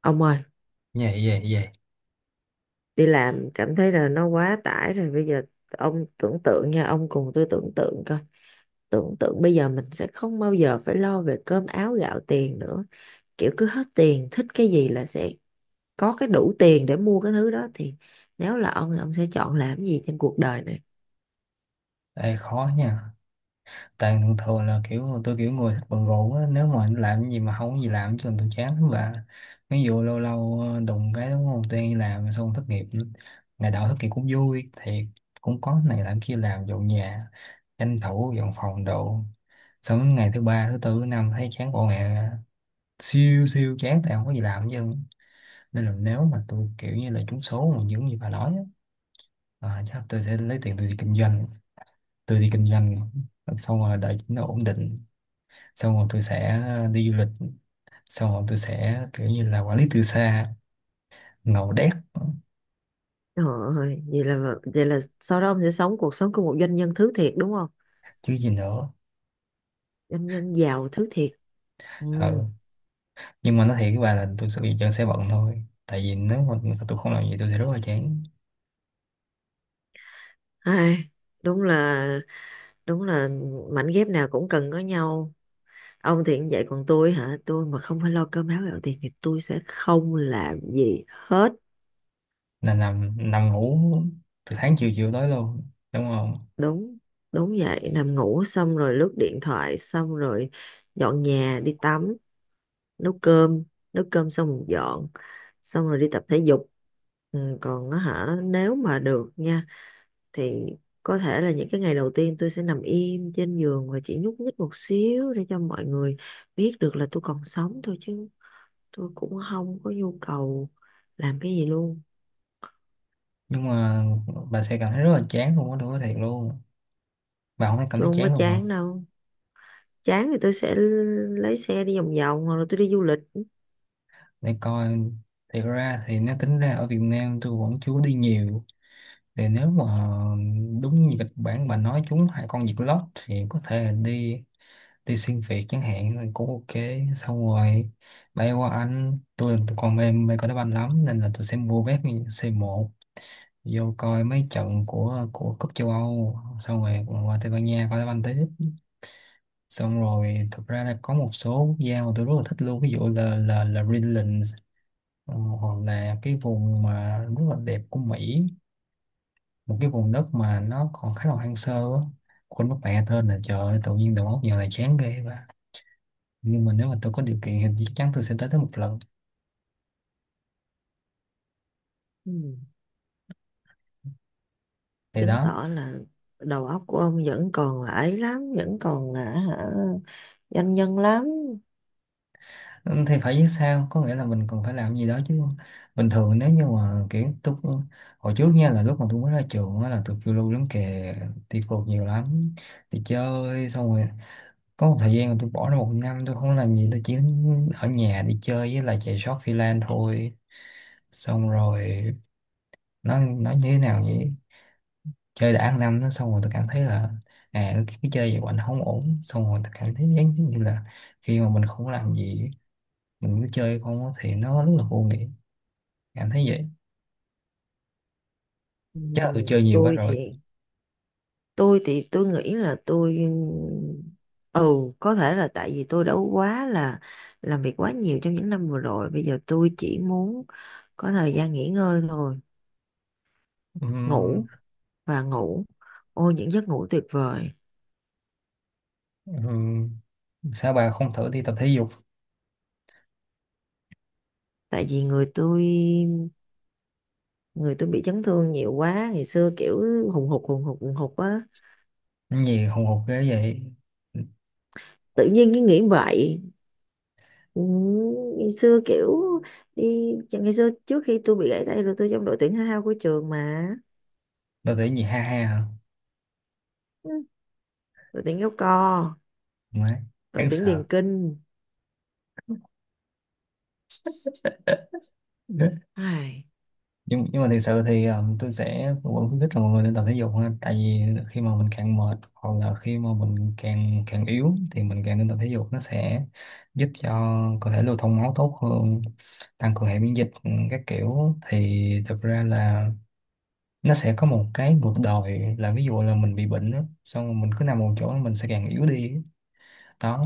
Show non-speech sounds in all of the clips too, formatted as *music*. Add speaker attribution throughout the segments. Speaker 1: Ông ơi,
Speaker 2: Vậy vậy vậy
Speaker 1: đi làm cảm thấy là nó quá tải rồi. Bây giờ ông tưởng tượng nha, ông cùng tôi tưởng tượng coi. Tưởng tượng bây giờ mình sẽ không bao giờ phải lo về cơm áo gạo tiền nữa. Kiểu cứ hết tiền, thích cái gì là sẽ có cái đủ tiền để mua cái thứ đó. Thì nếu là ông sẽ chọn làm cái gì trên cuộc đời này?
Speaker 2: Ê, khó nha. Tại thường thường là kiểu tôi kiểu người thích bận rộn á. Nếu mà anh làm cái gì mà không có gì làm chứ tôi chán lắm bà. Ví dụ lâu lâu đụng cái đúng không. Tôi đi làm xong thất nghiệp nữa. Ngày đầu thất nghiệp cũng vui. Thiệt cũng có này làm kia làm dọn nhà. Tranh thủ dọn phòng đồ. Xong đến ngày thứ ba thứ tư thứ năm thấy chán bộ mẹ. Siêu siêu chán tại không có gì làm hết chứ. Nên là nếu mà tôi kiểu như là trúng số mà những gì bà nói á, chắc tôi sẽ lấy tiền tôi đi kinh doanh, tôi đi kinh doanh xong rồi đợi nó ổn định, xong rồi tôi sẽ đi du lịch, xong rồi tôi sẽ kiểu như là quản lý từ xa. Ngầu đét.
Speaker 1: Rồi ơi, vậy là sau đó ông sẽ sống cuộc sống của một doanh nhân thứ thiệt đúng không?
Speaker 2: Chứ gì nữa.
Speaker 1: Doanh nhân giàu thứ thiệt. Ừ.
Speaker 2: Ừ. Nhưng mà nói thiệt với bà là tôi sẽ bị chân sẽ bận thôi, tại vì nếu mà tôi không làm gì tôi sẽ rất là chán.
Speaker 1: Ai, đúng là đúng là mảnh ghép nào cũng cần có nhau. Ông thì cũng vậy, còn tôi hả, tôi mà không phải lo cơm áo gạo tiền thì tôi sẽ không làm gì hết.
Speaker 2: Nên nằm nằm ngủ từ sáng chiều chiều tối luôn đúng không.
Speaker 1: Đúng đúng vậy, nằm ngủ xong rồi lướt điện thoại, xong rồi dọn nhà, đi tắm, nấu cơm. Nấu cơm xong rồi dọn, xong rồi đi tập thể dục. Ừ, còn á hả, nếu mà được nha thì có thể là những cái ngày đầu tiên tôi sẽ nằm im trên giường và chỉ nhúc nhích một xíu để cho mọi người biết được là tôi còn sống thôi, chứ tôi cũng không có nhu cầu làm cái gì luôn.
Speaker 2: Nhưng mà bà sẽ cảm thấy rất là chán luôn á, tôi nói thiệt luôn. Bà không thấy cảm
Speaker 1: Tôi
Speaker 2: thấy
Speaker 1: không có
Speaker 2: chán luôn
Speaker 1: chán
Speaker 2: không.
Speaker 1: đâu, chán thì tôi sẽ lấy xe đi vòng vòng hoặc là tôi đi du lịch.
Speaker 2: Để coi, thì ra thì nó tính ra ở Việt Nam tôi vẫn chưa có đi nhiều. Thì nếu mà đúng như kịch bản bà nói chúng hai con diệt lót thì có thể là đi, đi xuyên Việt chẳng hạn là cũng ok. Xong rồi bay qua Anh, tôi còn mê mê coi đá banh lắm, nên là tôi sẽ mua vé C1 vô coi mấy trận của cúp châu Âu, xong rồi còn qua Tây Ban Nha coi đá banh tiếp. Xong rồi thực ra là có một số quốc gia mà tôi rất là thích luôn, ví dụ là Greenland, hoặc là cái vùng mà rất là đẹp của Mỹ, một cái vùng đất mà nó còn khá là hoang sơ á. Quên mất mẹ tên là, trời ơi, tự nhiên đầu óc giờ này chán ghê quá. Nhưng mà nếu mà tôi có điều kiện thì chắc chắn tôi sẽ tới tới một lần.
Speaker 1: Ừ.
Speaker 2: Thì
Speaker 1: Chứng
Speaker 2: đó.
Speaker 1: tỏ là đầu óc của ông vẫn còn là ấy lắm, vẫn còn là hả, doanh nhân lắm.
Speaker 2: Ừ, thì phải chứ sao, có nghĩa là mình còn phải làm gì đó chứ. Bình thường nếu như mà kiểu tôi hồi trước nha, là lúc mà tôi mới ra trường á là tôi phiêu lưu lắm kìa. Đi phượt nhiều lắm. Đi chơi xong rồi có một thời gian mà tôi bỏ ra một năm tôi không làm gì, tôi chỉ ở nhà đi chơi với lại chạy short freelance thôi. Xong rồi nó như thế nào vậy. Chơi đã ăn năm nó xong rồi tôi cảm thấy là, à cái chơi vậy của anh không ổn. Xong rồi tôi cảm thấy giống như là khi mà mình không làm gì, mình cứ chơi không á thì nó rất là vô nghĩa. Cảm thấy vậy.
Speaker 1: Ừ.
Speaker 2: Chắc là tôi chơi nhiều quá
Speaker 1: tôi
Speaker 2: rồi.
Speaker 1: thì tôi thì tôi nghĩ là tôi, ừ có thể là tại vì tôi đã quá là làm việc quá nhiều trong những năm vừa rồi, bây giờ tôi chỉ muốn có thời gian nghỉ ngơi thôi.
Speaker 2: Ừm.
Speaker 1: Ngủ và ngủ, ôi những giấc ngủ tuyệt vời.
Speaker 2: ừm, sao bà không thử đi tập thể dục.
Speaker 1: Tại vì người tôi, người tôi bị chấn thương nhiều quá, ngày xưa kiểu hùng hục hùng hục hùng hục á.
Speaker 2: Cái gì hùng hục ghê vậy.
Speaker 1: Tự nhiên cái nghĩ vậy. Ừ, ngày xưa kiểu đi, ngày xưa trước khi tôi bị gãy tay là tôi trong đội tuyển thể thao của trường mà.
Speaker 2: Tập thể gì ha ha hả.
Speaker 1: Ừ, đội tuyển kéo co,
Speaker 2: Má,
Speaker 1: đội
Speaker 2: đáng
Speaker 1: tuyển
Speaker 2: sợ.
Speaker 1: điền kinh. Ai,
Speaker 2: Nhưng mà thực sự thì tôi sẽ vẫn khuyến khích là mọi người nên tập thể dục ha, tại vì khi mà mình càng mệt hoặc là khi mà mình càng càng yếu thì mình càng nên tập thể dục, nó sẽ giúp cho cơ thể lưu thông máu tốt hơn, tăng cường hệ miễn dịch, ừ, các kiểu. Thì thực ra là nó sẽ có một cái ngược đòi, là ví dụ là mình bị bệnh đó, xong rồi mình cứ nằm một chỗ mình sẽ càng yếu đi. Đó,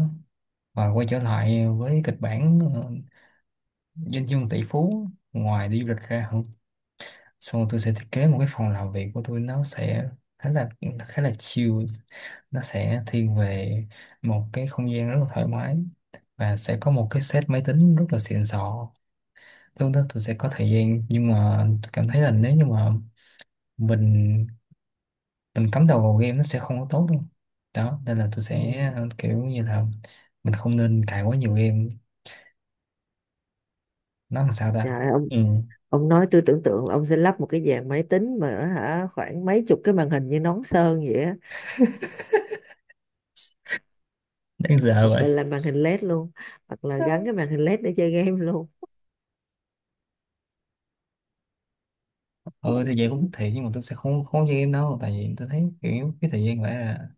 Speaker 2: và quay trở lại với kịch bản doanh nhân tỷ phú, ngoài đi du lịch ra. Ừ. Xong tôi sẽ thiết kế một cái phòng làm việc của tôi, nó sẽ khá là chill, nó sẽ thiên về một cái không gian rất là thoải mái, và sẽ có một cái set máy tính rất là xịn sò. Lúc đó tôi sẽ có thời gian, nhưng mà tôi cảm thấy là nếu như mà mình mình cắm đầu vào game nó sẽ không có tốt đâu. Đó nên là tôi
Speaker 1: ừ.
Speaker 2: sẽ kiểu như là mình không nên cài quá nhiều game. Nó làm sao
Speaker 1: Trời
Speaker 2: ta.
Speaker 1: ơi, ông
Speaker 2: Ừ.
Speaker 1: ông nói tôi tưởng tượng là ông sẽ lắp một cái dàn máy tính mà hả, khoảng mấy chục cái màn hình như nón sơn vậy á,
Speaker 2: Đáng sợ
Speaker 1: hoặc
Speaker 2: vậy.
Speaker 1: là làm màn hình LED luôn, hoặc là gắn cái màn hình LED để chơi game luôn.
Speaker 2: Ừ thì vậy cũng thích thiệt, nhưng mà tôi sẽ không không chơi game đâu, tại vì tôi thấy kiểu cái thời gian vậy là,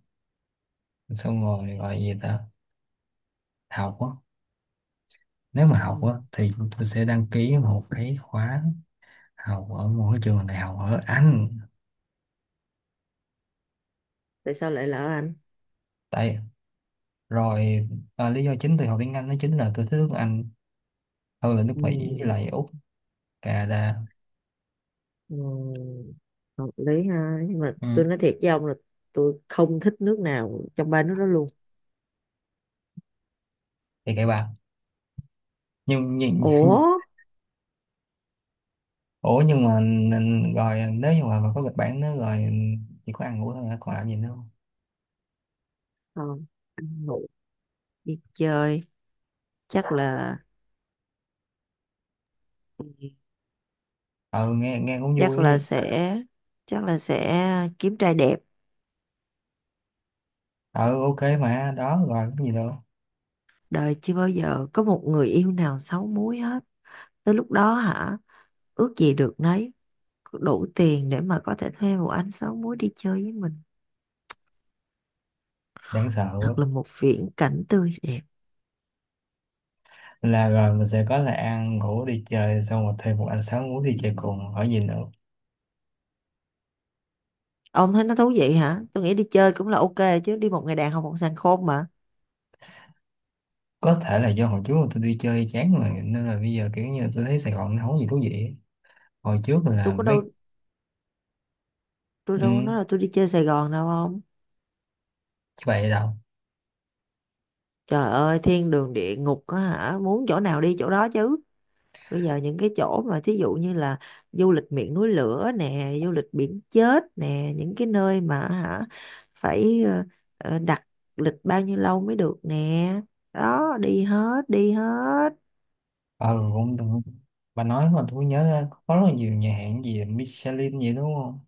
Speaker 2: xong rồi gọi gì ta, học á. Nếu mà
Speaker 1: Ừ.
Speaker 2: học á thì tôi sẽ đăng ký một cái khóa học ở một cái trường đại học ở Anh.
Speaker 1: Tại sao lại lỡ Anh?
Speaker 2: Tại, rồi lý do chính tôi học tiếng Anh đó chính là tôi thích nước Anh hơn là nước
Speaker 1: Ừ.
Speaker 2: Mỹ với lại Úc, Canada.
Speaker 1: Ừ, hợp lý ha, nhưng mà
Speaker 2: Ừ.
Speaker 1: tôi nói thiệt với ông là tôi không thích nước nào trong ba nước đó luôn.
Speaker 2: Thì kệ bà. Nhưng
Speaker 1: Ủa,
Speaker 2: *laughs* ủa nhưng mà rồi nếu như mà có kịch bản nữa rồi. Chỉ có ăn ngủ thôi hả? Còn làm gì nữa không.
Speaker 1: không? Ăn ngủ đi chơi, chắc là,
Speaker 2: Ừ, nghe nghe cũng vui
Speaker 1: chắc là
Speaker 2: đi.
Speaker 1: sẽ, chắc là sẽ kiếm trai đẹp.
Speaker 2: Ừ ok mà đó rồi cái gì đâu.
Speaker 1: Đời chưa bao giờ có một người yêu nào xấu múi hết. Tới lúc đó hả, ước gì được nấy, đủ tiền để mà có thể thuê một anh xấu múi đi chơi với mình.
Speaker 2: Đáng sợ.
Speaker 1: Thật là một viễn cảnh tươi đẹp.
Speaker 2: Là rồi mình sẽ có là ăn ngủ đi chơi xong rồi thêm một anh sáu muốn đi chơi cùng, hỏi gì nữa.
Speaker 1: Ông thấy nó thú vị hả? Tôi nghĩ đi chơi cũng là ok, chứ đi một ngày đàn học một sàn khôn mà.
Speaker 2: Có thể là do hồi trước tôi đi chơi chán rồi nên là bây giờ kiểu như tôi thấy Sài Gòn nó không có gì thú vị ấy. Hồi trước
Speaker 1: Tôi
Speaker 2: là
Speaker 1: có
Speaker 2: mấy.
Speaker 1: đâu, tôi đâu có
Speaker 2: Ừ,
Speaker 1: nói là tôi đi chơi Sài Gòn đâu không?
Speaker 2: chứ vậy đâu.
Speaker 1: Trời ơi, thiên đường địa ngục á hả? Muốn chỗ nào đi chỗ đó chứ. Bây giờ những cái chỗ mà thí dụ như là du lịch miệng núi lửa nè, du lịch biển chết nè, những cái nơi mà hả, phải đặt lịch bao nhiêu lâu mới được nè. Đó, đi hết, đi hết.
Speaker 2: Ờ cũng đúng. Bà nói mà tôi nhớ ra có rất là nhiều nhà hàng gì Michelin vậy đúng không.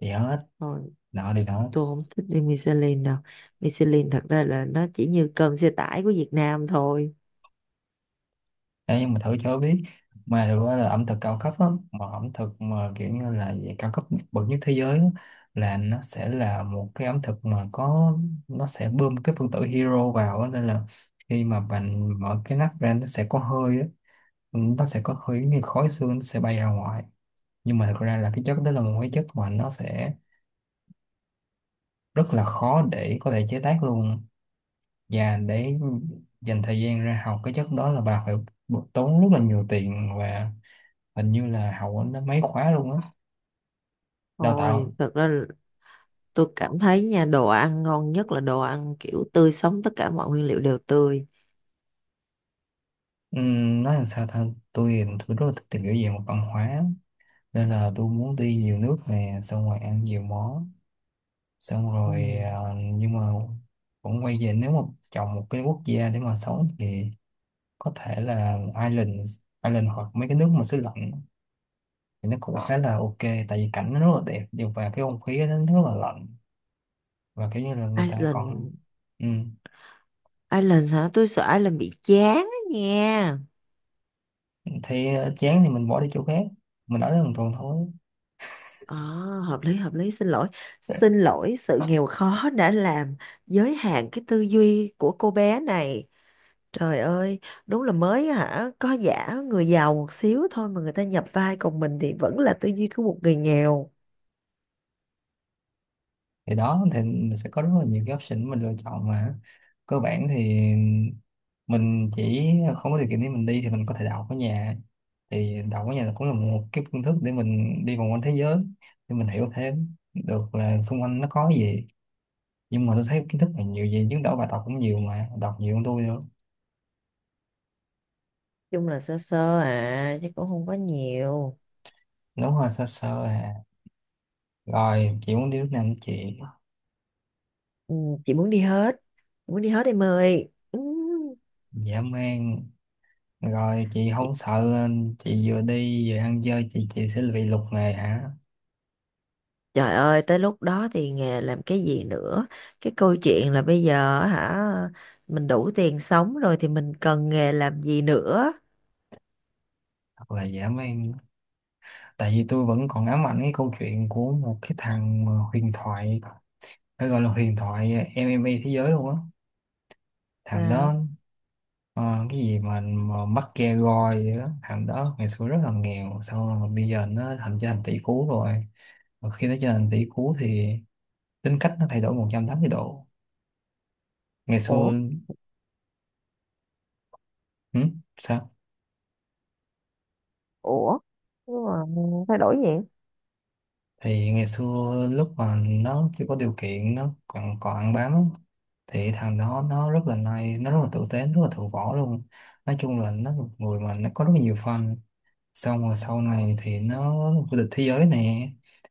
Speaker 2: Thì hết
Speaker 1: Rồi,
Speaker 2: nọ thì đó.
Speaker 1: tôi không thích đi Michelin đâu, Michelin thật ra là nó chỉ như cơm xe tải của Việt Nam thôi.
Speaker 2: Đấy, nhưng mà thử cho biết. Mà thực ra là ẩm thực cao cấp á, mà ẩm thực mà kiểu như là về cao cấp bậc nhất thế giới á, là nó sẽ là một cái ẩm thực mà có, nó sẽ bơm cái phân tử hero vào á, nên là khi mà bạn mở cái nắp ra nó sẽ có hơi á, nó sẽ có hơi như khói xương, nó sẽ bay ra ngoài. Nhưng mà thực ra là cái chất đó là một cái chất mà nó sẽ rất là khó để có thể chế tác luôn. Và để dành thời gian ra học cái chất đó là bà phải tốn rất là nhiều tiền, và hình như là học ở nó mấy khóa luôn á, đào
Speaker 1: Thôi,
Speaker 2: tạo.
Speaker 1: thật ra là tôi cảm thấy nha, đồ ăn ngon nhất là đồ ăn kiểu tươi sống, tất cả mọi nguyên liệu đều tươi.
Speaker 2: Nói làm sao ta. Tôi rất là thích tìm hiểu về một văn hóa, nên là tôi muốn đi nhiều nước nè, xong rồi ăn nhiều món, xong
Speaker 1: Ừ.
Speaker 2: rồi à. Nhưng mà cũng quay về, nếu mà chọn một cái quốc gia để mà sống thì có thể là Ireland, hoặc mấy cái nước mà xứ lạnh thì nó cũng khá là ok, tại vì cảnh nó rất là đẹp điều, và cái không khí nó rất là lạnh, và kiểu như là người ta còn,
Speaker 1: Iceland
Speaker 2: ừ,
Speaker 1: Iceland hả, tôi sợ Iceland bị chán á nha.
Speaker 2: thấy chán thì mình bỏ đi chỗ khác, mình ở đó một tuần thôi.
Speaker 1: À, hợp lý hợp lý, xin lỗi, xin lỗi sự nghèo khó đã làm giới hạn cái tư duy của cô bé này. Trời ơi, đúng là mới hả, có giả người giàu một xíu thôi mà người ta nhập vai còn mình thì vẫn là tư duy của một người nghèo.
Speaker 2: Thì đó thì mình sẽ có rất là nhiều cái option mình lựa chọn mà. Cơ bản thì mình chỉ không có điều kiện để mình đi thì mình có thể đậu ở nhà. Thì đậu ở nhà là cũng là một cái phương thức để mình đi vòng quanh thế giới, để mình hiểu thêm được là xung quanh nó có gì. Nhưng mà tôi thấy kiến thức là nhiều gì chứ, đậu bài tập cũng nhiều mà đọc nhiều hơn tôi nữa.
Speaker 1: Chung là sơ sơ à, chứ cũng không có nhiều.
Speaker 2: Đúng rồi sơ sơ à. Rồi chị muốn đi nước nào nữa chị.
Speaker 1: Ừ, chị muốn đi hết, muốn đi hết em ơi. Ừ.
Speaker 2: Dã man. Rồi chị không sợ chị vừa đi vừa ăn chơi chị sẽ bị lục nghề hả.
Speaker 1: Trời ơi, tới lúc đó thì nghề làm cái gì nữa? Cái câu chuyện là bây giờ hả, mình đủ tiền sống rồi thì mình cần nghề làm gì nữa?
Speaker 2: Hoặc là giảm em. Tại vì tôi vẫn còn ám ảnh cái câu chuyện của một cái thằng mà huyền thoại, phải gọi là huyền thoại MMA thế giới luôn á, thằng đó
Speaker 1: Sao?
Speaker 2: ờ, cái gì mà McGregor gì đó. Thằng đó ngày xưa rất là nghèo, sau rồi bây giờ nó thành trở thành tỷ phú rồi, và khi nó trở thành tỷ phú thì tính cách nó thay đổi 180°. Ngày
Speaker 1: Ủa.
Speaker 2: xưa ừ? Sao.
Speaker 1: Ủa, nhưng mà thay đổi gì?
Speaker 2: Thì ngày xưa lúc mà nó chưa có điều kiện nó còn còn ăn bám á, thì thằng đó nó rất là nice, nó rất là tử tế, rất là thượng võ luôn. Nói chung là nó là một người mà nó có rất là nhiều fan. Xong rồi sau này thì nó vô địch thế giới nè,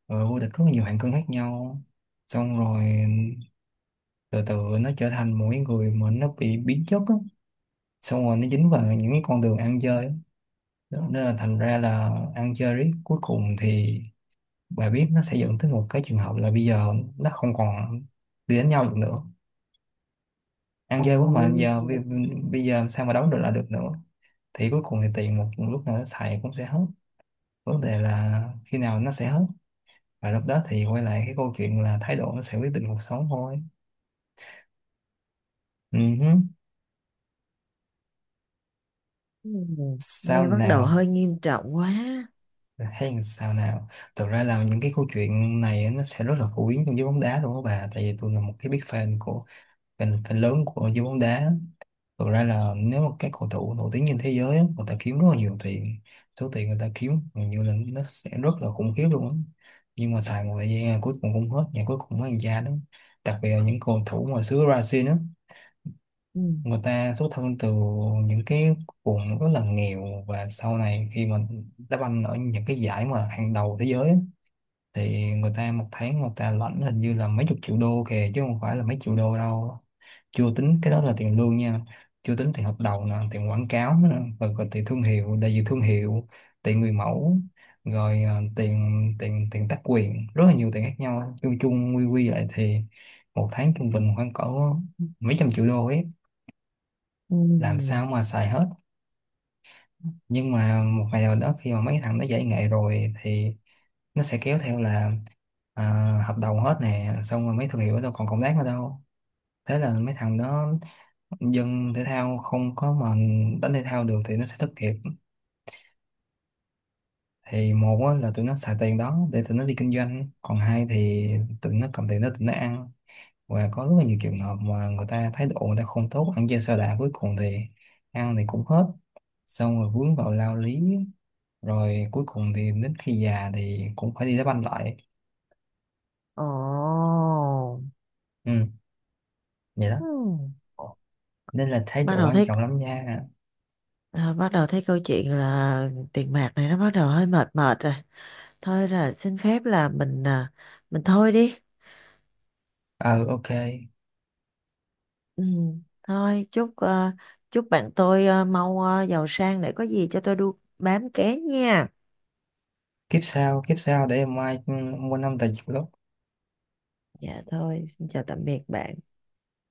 Speaker 2: rồi vô địch rất là nhiều hạng cân khác nhau. Xong rồi từ từ nó trở thành một cái người mà nó bị biến chất á. Xong rồi nó dính vào những cái con đường ăn chơi á. Nên là thành ra là ăn chơi riết cuối cùng thì, bà biết nó sẽ dẫn tới một cái trường hợp là bây giờ nó không còn đi đánh nhau được nữa. Ăn
Speaker 1: Ồ.
Speaker 2: chơi quá mà giờ bây giờ sao mà đấu được là được nữa. Thì cuối cùng thì tiền một lúc nào nó xài cũng sẽ hết. Vấn đề là khi nào nó sẽ hết, và lúc đó thì quay lại cái câu chuyện là thái độ nó sẽ quyết định cuộc sống thôi. Ừ hứ.
Speaker 1: ừm,
Speaker 2: Sao
Speaker 1: nghe bắt đầu
Speaker 2: nào.
Speaker 1: hơi nghiêm trọng quá.
Speaker 2: Hay là sao nào. Thực ra là những cái câu chuyện này nó sẽ rất là phổ biến trong giới bóng đá luôn đó bà, tại vì tôi là một cái big fan của fan lớn của giới bóng đá. Thực ra là nếu mà các cầu thủ nổi tiếng trên thế giới á, người ta kiếm rất là nhiều tiền. Số tiền người ta kiếm gần như là nó sẽ rất là khủng khiếp luôn á. Nhưng mà xài một thời gian là cuối cùng không hết và cuối cùng mới ăn ra đó. Đặc biệt là những cầu thủ mà xứ Brazil đó,
Speaker 1: Ừm,
Speaker 2: người ta xuất thân từ những cái vùng rất là nghèo, và sau này khi mà đá banh ở những cái giải mà hàng đầu thế giới á, thì người ta một tháng người ta lãnh hình như là mấy chục triệu đô kìa chứ không phải là mấy triệu đô đâu. Chưa tính cái đó là tiền lương nha. Chưa tính tiền hợp đồng nè, tiền quảng cáo nè, rồi còn tiền thương hiệu, đại diện thương hiệu, tiền người mẫu, rồi tiền tiền tiền tác quyền, rất là nhiều tiền khác nhau. Chung chung quy quy lại thì một tháng trung bình khoảng cỡ mấy trăm triệu đô ấy. Làm
Speaker 1: ừm.
Speaker 2: sao mà xài hết. Nhưng mà một ngày nào đó khi mà mấy thằng nó giải nghệ rồi thì nó sẽ kéo theo là, à, hợp đồng hết nè, xong rồi mấy thương hiệu đâu còn cộng tác nữa đâu. Thế là mấy thằng đó, dân thể thao không có mà đánh thể thao được thì nó sẽ thất nghiệp. Thì một á, là tụi nó xài tiền đó để tụi nó đi kinh doanh, còn hai thì tụi nó cầm tiền đó tụi nó ăn. Và có rất là nhiều trường hợp mà người ta thái độ người ta không tốt ăn chơi sa đọa, cuối cùng thì ăn thì cũng hết, xong rồi vướng vào lao lý, rồi cuối cùng thì đến khi già thì cũng phải đi đá banh lại.
Speaker 1: Ồ.
Speaker 2: Ừ, vậy đó.
Speaker 1: ừm,
Speaker 2: Nên là thái
Speaker 1: bắt
Speaker 2: độ
Speaker 1: đầu
Speaker 2: quan
Speaker 1: thấy
Speaker 2: trọng lắm nha.
Speaker 1: bắt đầu thấy câu chuyện là tiền bạc này nó bắt đầu hơi mệt mệt rồi. Thôi là xin phép là mình thôi đi.
Speaker 2: Ờ ok.
Speaker 1: Ừ. Thôi chúc bạn tôi mau giàu sang để có gì cho tôi đu bám ké nha.
Speaker 2: Kiếp sau để em mai, ừ, mua năm tờ giật lốt
Speaker 1: Dạ thôi, xin chào tạm biệt bạn.